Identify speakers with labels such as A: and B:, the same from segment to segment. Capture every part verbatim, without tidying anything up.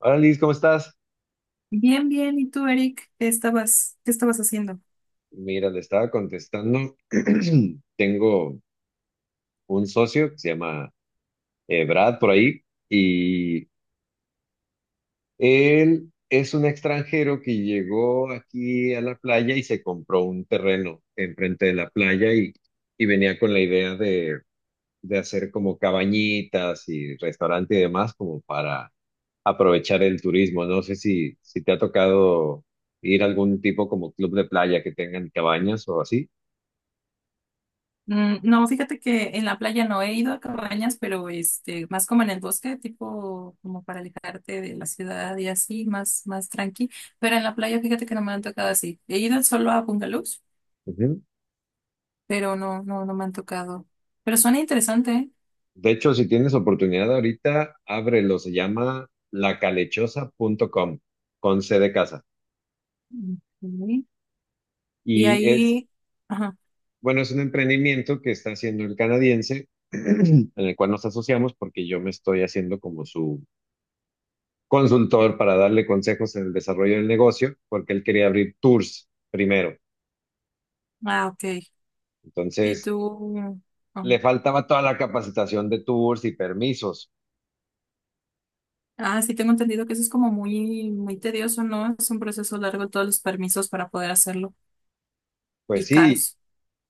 A: Hola Liz, ¿cómo estás?
B: Bien, bien. ¿Y tú, Eric? ¿Qué estabas, qué estabas haciendo?
A: Mira, le estaba contestando. Tengo un socio que se llama eh, Brad por ahí y él es un extranjero que llegó aquí a la playa y se compró un terreno enfrente de la playa y, y venía con la idea de, de hacer como cabañitas y restaurante y demás como para aprovechar el turismo. No sé si, si te ha tocado ir a algún tipo como club de playa que tengan cabañas o así.
B: Mm, no, fíjate que en la playa no he ido a cabañas, pero este, más como en el bosque, tipo como para alejarte de la ciudad y así, más, más tranqui. Pero en la playa, fíjate que no me han tocado así. He ido solo a bungalows, pero no, no, no me han tocado. Pero suena interesante, ¿eh?
A: De hecho, si tienes oportunidad ahorita, ábrelo. Se llama lacalechosa punto com con C de casa.
B: Mm, ok. Y
A: Y es,
B: ahí, ajá.
A: bueno, es un emprendimiento que está haciendo el canadiense, en el cual nos asociamos porque yo me estoy haciendo como su consultor para darle consejos en el desarrollo del negocio, porque él quería abrir tours primero.
B: Ah, ok. ¿Y
A: Entonces,
B: tú? Ah.
A: le faltaba toda la capacitación de tours y permisos.
B: Ah, sí, tengo entendido que eso es como muy, muy tedioso, ¿no? Es un proceso largo todos los permisos para poder hacerlo
A: Pues
B: y
A: sí.
B: caros.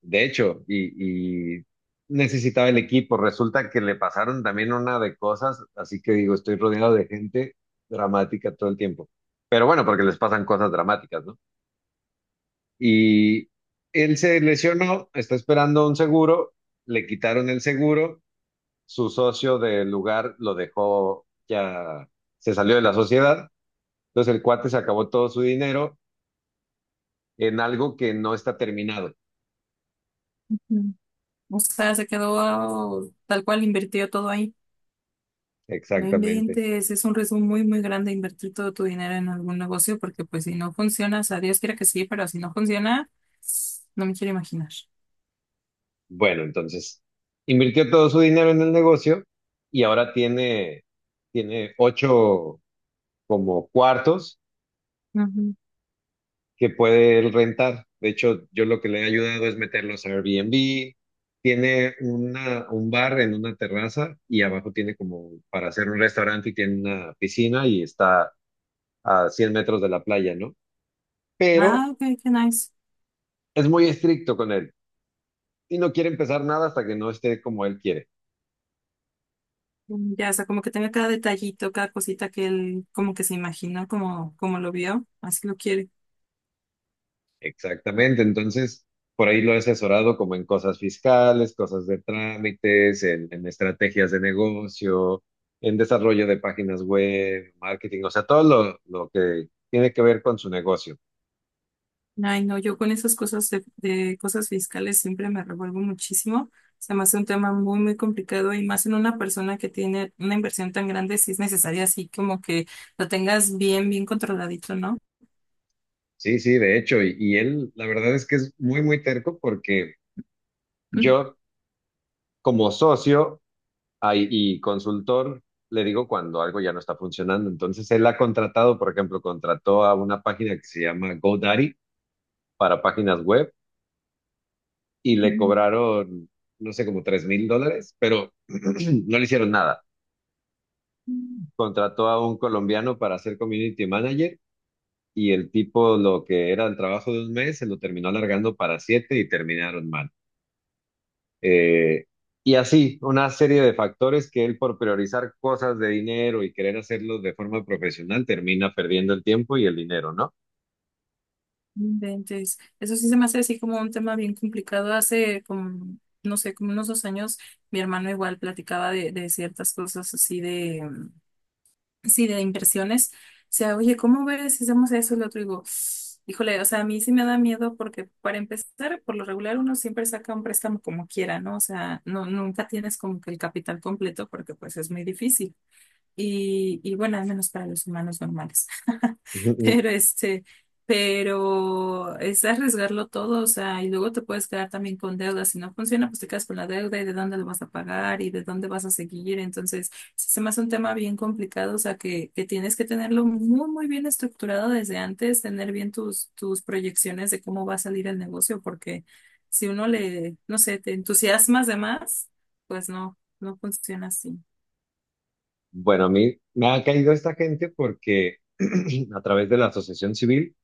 A: De hecho, y, y necesitaba el equipo. Resulta que le pasaron también una de cosas, así que digo, estoy rodeado de gente dramática todo el tiempo. Pero bueno, porque les pasan cosas dramáticas, ¿no? Y él se lesionó, está esperando un seguro, le quitaron el seguro, su socio del lugar lo dejó, ya se salió de la sociedad, entonces el cuate se acabó todo su dinero en algo que no está terminado.
B: Ujú. O sea, se quedó tal cual, invirtió todo ahí. No
A: Exactamente.
B: inventes, es un riesgo muy, muy grande invertir todo tu dinero en algún negocio porque pues si no funciona, o sea, Dios quiera que sí, pero si no funciona, no me quiero imaginar.
A: Bueno, entonces invirtió todo su dinero en el negocio y ahora tiene, tiene ocho como cuartos
B: Ujú.
A: que puede él rentar. De hecho, yo lo que le he ayudado es meterlos a Airbnb. Tiene una, un bar en una terraza y abajo tiene como para hacer un restaurante y tiene una piscina y está a cien metros de la playa, ¿no? Pero
B: Ah, ok, qué nice.
A: es muy estricto con él y no quiere empezar nada hasta que no esté como él quiere.
B: Mm, ya, o sea, como que tenga cada detallito, cada cosita que él como que se imaginó, como, como lo vio, así lo quiere.
A: Exactamente, entonces por ahí lo he asesorado como en cosas fiscales, cosas de trámites, en, en estrategias de negocio, en desarrollo de páginas web, marketing, o sea, todo lo, lo que tiene que ver con su negocio.
B: Ay, no, yo con esas cosas de, de, cosas fiscales siempre me revuelvo muchísimo. Se me hace un tema muy, muy complicado y más en una persona que tiene una inversión tan grande, si es necesaria así como que lo tengas bien, bien controladito, ¿no?
A: Sí, sí, de hecho, y, y él la verdad es que es muy, muy terco porque
B: Mm.
A: yo como socio ay, y consultor le digo cuando algo ya no está funcionando. Entonces él ha contratado, por ejemplo, contrató a una página que se llama GoDaddy para páginas web y le cobraron, no sé, como tres mil dólares, pero no le hicieron nada.
B: No
A: Contrató a un colombiano para ser community manager y el tipo lo que era el trabajo de un mes se lo terminó alargando para siete y terminaron mal. Eh, y así, una serie de factores que él por priorizar cosas de dinero y querer hacerlo de forma profesional termina perdiendo el tiempo y el dinero, ¿no?
B: inventes. Eso sí se me hace así como un tema bien complicado. Hace como, no sé, como unos dos años, mi hermano igual platicaba de, de ciertas cosas así de, sí, de inversiones, o sea, oye, ¿cómo ves si hacemos eso y lo otro? Y digo, híjole, o sea, a mí sí me da miedo porque para empezar, por lo regular uno siempre saca un préstamo como quiera, ¿no? O sea, no, nunca tienes como que el capital completo porque pues es muy difícil y, y bueno, al menos para los humanos normales. Pero este, pero es arriesgarlo todo, o sea, y luego te puedes quedar también con deudas. Si no funciona, pues te quedas con la deuda y de dónde lo vas a pagar y de dónde vas a seguir. Entonces, sí se me hace un tema bien complicado, o sea, que, que tienes que tenerlo muy, muy bien estructurado desde antes, tener bien tus, tus proyecciones de cómo va a salir el negocio, porque si uno le, no sé, te entusiasmas de más, pues no, no funciona así.
A: Bueno, a mí me ha caído esta gente porque a través de la asociación civil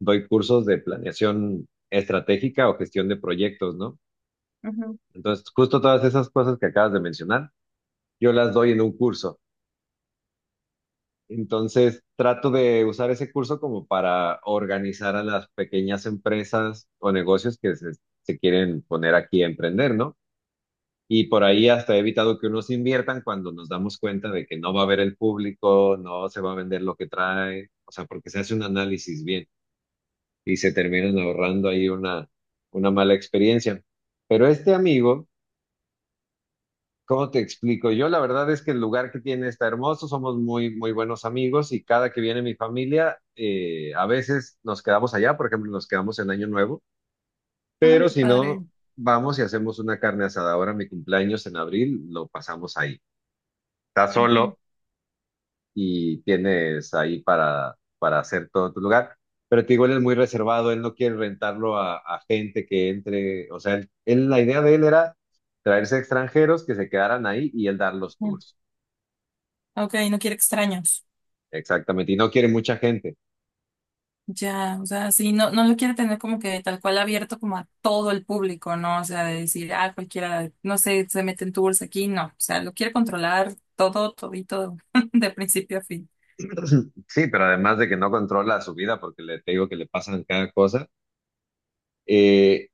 A: doy cursos de planeación estratégica o gestión de proyectos, ¿no? Entonces, justo todas esas cosas que acabas de mencionar, yo las doy en un curso. Entonces, trato de usar ese curso como para organizar a las pequeñas empresas o negocios que se, se quieren poner aquí a emprender, ¿no? Y por ahí hasta he evitado que unos inviertan cuando nos damos cuenta de que no va a haber el público, no se va a vender lo que trae, o sea, porque se hace un análisis bien. Y se terminan ahorrando ahí una, una mala experiencia. Pero este amigo, ¿cómo te explico? Yo la verdad es que el lugar que tiene está hermoso, somos muy, muy buenos amigos y cada que viene mi familia, eh, a veces nos quedamos allá, por ejemplo, nos quedamos en Año Nuevo,
B: Ay,
A: pero
B: qué
A: si no,
B: padre.
A: vamos y hacemos una carne asada. Ahora mi cumpleaños en abril lo pasamos ahí. Está
B: Ujú.
A: solo, y tienes ahí para, para hacer todo en tu lugar. Pero te digo, él es muy reservado, él no quiere rentarlo a, a gente que entre, o sea, él, él- la idea de él era traerse extranjeros que se quedaran ahí y él dar los tours.
B: Ok, no quiere extraños.
A: Exactamente, y no quiere mucha gente.
B: Ya, o sea, sí, no, no lo quiere tener como que tal cual abierto como a todo el público, ¿no? O sea, de decir, ah, cualquiera, no sé, se meten tours aquí, no. O sea, lo quiere controlar todo, todito, de principio a fin.
A: Sí, pero además de que no controla su vida porque le, te digo que le pasan cada cosa, eh,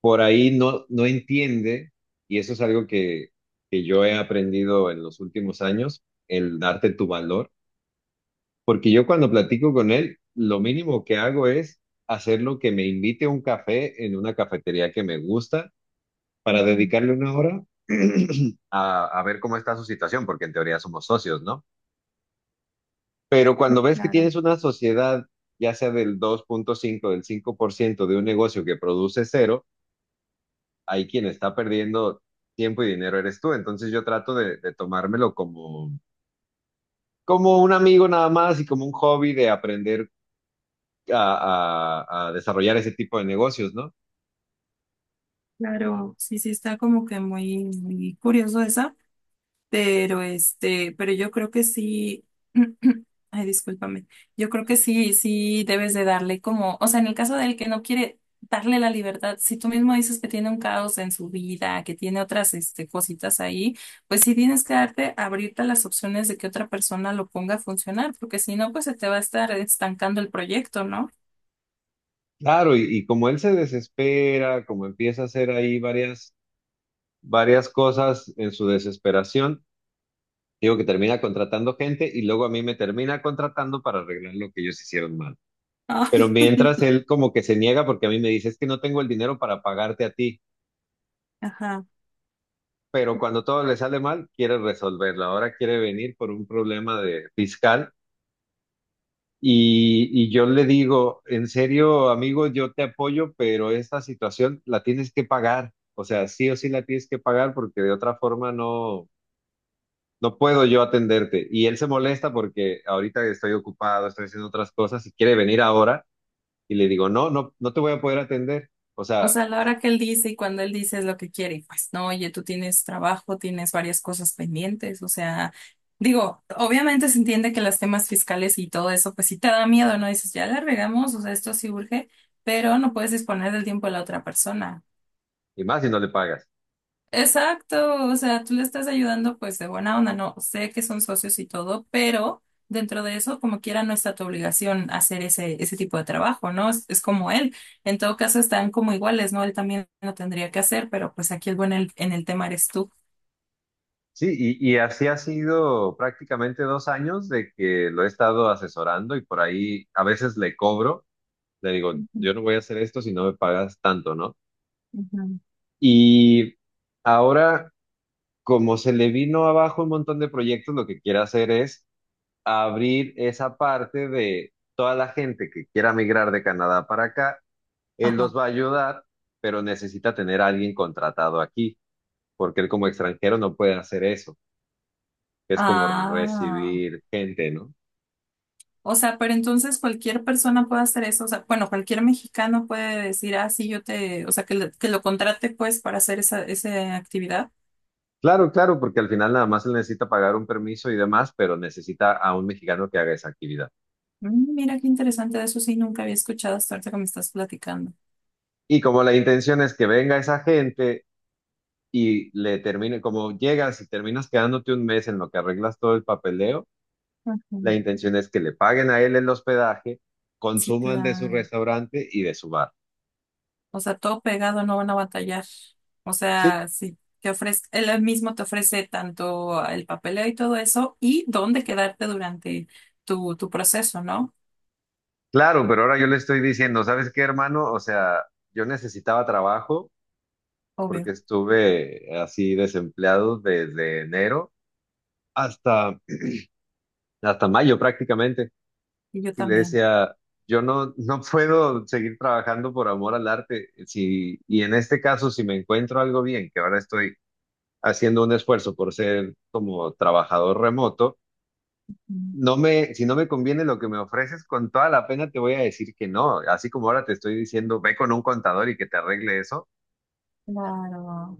A: por ahí no, no entiende, y eso es algo que, que yo he aprendido en los últimos años, el darte tu valor. Porque yo cuando platico con él, lo mínimo que hago es hacer lo que me invite a un café en una cafetería que me gusta para
B: Ujú.
A: dedicarle una hora a, a ver cómo está su situación, porque en teoría somos socios, ¿no? Pero cuando
B: Sí,
A: ves que
B: claro,
A: tienes una sociedad, ya sea del dos punto cinco del cinco por ciento de un negocio que produce cero, ahí quien está perdiendo tiempo y dinero eres tú. Entonces yo trato de, de tomármelo como, como un amigo nada más y como un hobby de aprender a, a- a desarrollar ese tipo de negocios, ¿no?
B: claro. Sí, sí, está como que muy, muy curioso eso. Pero este, pero yo creo que sí, ay, discúlpame, yo creo que sí, sí debes de darle como, o sea, en el caso del que no quiere darle la libertad, si tú mismo dices que tiene un caos en su vida, que tiene otras este, cositas ahí, pues sí tienes que darte, abrirte a las opciones de que otra persona lo ponga a funcionar, porque si no, pues se te va a estar estancando el proyecto, ¿no?
A: Claro, y, y como él se desespera, como empieza a hacer ahí varias, varias cosas en su desesperación, digo que termina contratando gente y luego a mí me termina contratando para arreglar lo que ellos hicieron mal. Pero
B: Ay,
A: mientras
B: no.
A: él como que se niega porque a mí me dice, es que no tengo el dinero para pagarte a ti.
B: Ajá.
A: Pero cuando todo le sale mal, quiere resolverlo. Ahora quiere venir por un problema de fiscal. Y, y yo le digo, en serio, amigo, yo te apoyo, pero esta situación la tienes que pagar. O sea, sí o sí la tienes que pagar porque de otra forma no, no puedo yo atenderte. Y él se molesta porque ahorita estoy ocupado, estoy haciendo otras cosas y quiere venir ahora. Y le digo, no, no, no te voy a poder atender. O
B: O
A: sea,
B: sea, la hora que él dice y cuando él dice es lo que quiere, y pues no, oye, tú tienes trabajo, tienes varias cosas pendientes, o sea, digo, obviamente se entiende que los temas fiscales y todo eso, pues sí te da miedo, ¿no? Dices, ya la regamos, o sea, esto sí urge, pero no puedes disponer del tiempo de la otra persona.
A: y más si no le pagas.
B: Exacto, o sea, tú le estás ayudando pues de buena onda, no sé que son socios y todo, pero dentro de eso, como quiera, no está tu obligación hacer ese, ese tipo de trabajo, ¿no? Es, es como él, en todo caso están como iguales, ¿no? Él también lo tendría que hacer, pero pues aquí el bueno en el, en el tema eres tú.
A: Sí, y, y así ha sido prácticamente dos años de que lo he estado asesorando y por ahí a veces le cobro. Le digo,
B: Ujú,
A: yo no voy a hacer esto si no me pagas tanto, ¿no?
B: ujú.
A: Y ahora, como se le vino abajo un montón de proyectos, lo que quiere hacer es abrir esa parte de toda la gente que quiera migrar de Canadá para acá. Él
B: Ajá.
A: los va a ayudar, pero necesita tener a alguien contratado aquí, porque él como extranjero no puede hacer eso. que Es como
B: Ah,
A: recibir gente, ¿no?
B: o sea, pero entonces cualquier persona puede hacer eso, o sea, bueno, cualquier mexicano puede decir, ah, sí, yo te, o sea, que, lo- que lo contrate pues para hacer esa, esa actividad.
A: Claro, claro, porque al final nada más él necesita pagar un permiso y demás, pero necesita a un mexicano que haga esa actividad.
B: Mm, Mira qué interesante, de eso sí nunca había escuchado hasta ahorita que me estás platicando.
A: Y como la intención es que venga esa gente y le termine, como llegas y terminas quedándote un mes en lo que arreglas todo el papeleo, la
B: Ujú.
A: intención es que le paguen a él el hospedaje,
B: Sí,
A: consuman de su
B: claro.
A: restaurante y de su bar.
B: O sea, todo pegado, no van a batallar. O
A: Sí,
B: sea, sí, te ofrece, él mismo te ofrece tanto el papeleo y todo eso, y dónde quedarte durante tu, tu proceso, ¿no?
A: claro, pero ahora yo le estoy diciendo, ¿sabes qué, hermano? O sea, yo necesitaba trabajo porque
B: Obvio.
A: estuve así desempleado desde enero hasta, hasta mayo prácticamente.
B: Y yo
A: Y le
B: también.
A: decía, yo no, no puedo seguir trabajando por amor al arte. Si, y en este caso, si me encuentro algo bien, que ahora estoy haciendo un esfuerzo por ser como trabajador remoto,
B: Mm,
A: no me, si no me conviene lo que me ofreces, con toda la pena te voy a decir que no. Así como ahora te estoy diciendo, ve con un contador y que te arregle eso.
B: claro.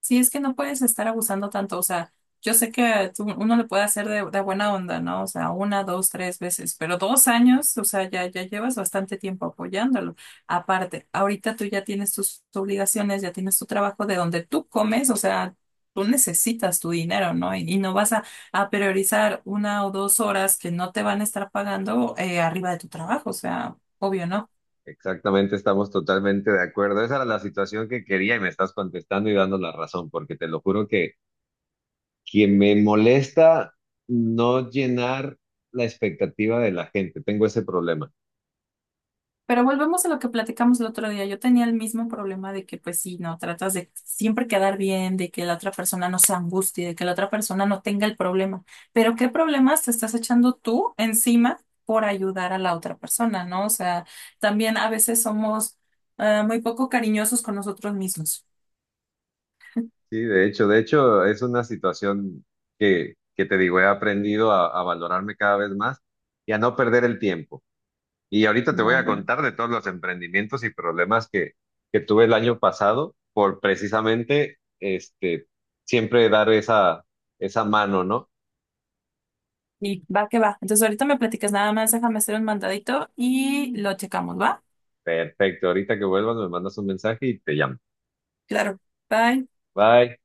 B: Sí, es que no puedes estar abusando tanto, o sea, yo sé que tú- uno le puede hacer de, de, buena onda, ¿no? O sea, una, dos, tres veces, pero dos años, o sea, ya, ya llevas bastante tiempo apoyándolo. Aparte, ahorita tú ya tienes tus obligaciones, ya tienes tu trabajo de donde tú comes, o sea, tú necesitas tu dinero, ¿no? Y, y no vas a, a priorizar una o dos horas que no te van a estar pagando eh, arriba de tu trabajo, o sea, obvio, ¿no?
A: Exactamente, estamos totalmente de acuerdo. Esa era la situación que quería y me estás contestando y dando la razón, porque te lo juro que que me molesta no llenar la expectativa de la gente. Tengo ese problema.
B: Pero volvemos a lo que platicamos el otro día. Yo tenía el mismo problema de que, pues sí, no, tratas de siempre quedar bien, de que la otra persona no se angustie, de que la otra persona no tenga el problema. Pero ¿qué problemas te estás echando tú encima por ayudar a la otra persona? ¿No? O sea, también a veces somos eh, muy poco cariñosos con nosotros mismos.
A: Sí, de hecho, de hecho, es una situación que, que te digo, he aprendido a, a valorarme cada vez más y a no perder el tiempo. Y ahorita te voy a
B: Claro.
A: contar de todos los emprendimientos y problemas que, que tuve el año pasado por precisamente este, siempre dar esa, esa mano, ¿no?
B: Y va que va. Entonces ahorita me platicas nada más, déjame hacer un mandadito y lo checamos, ¿va?
A: Perfecto, ahorita que vuelvas me mandas un mensaje y te llamo.
B: Claro. Bye.
A: Bye.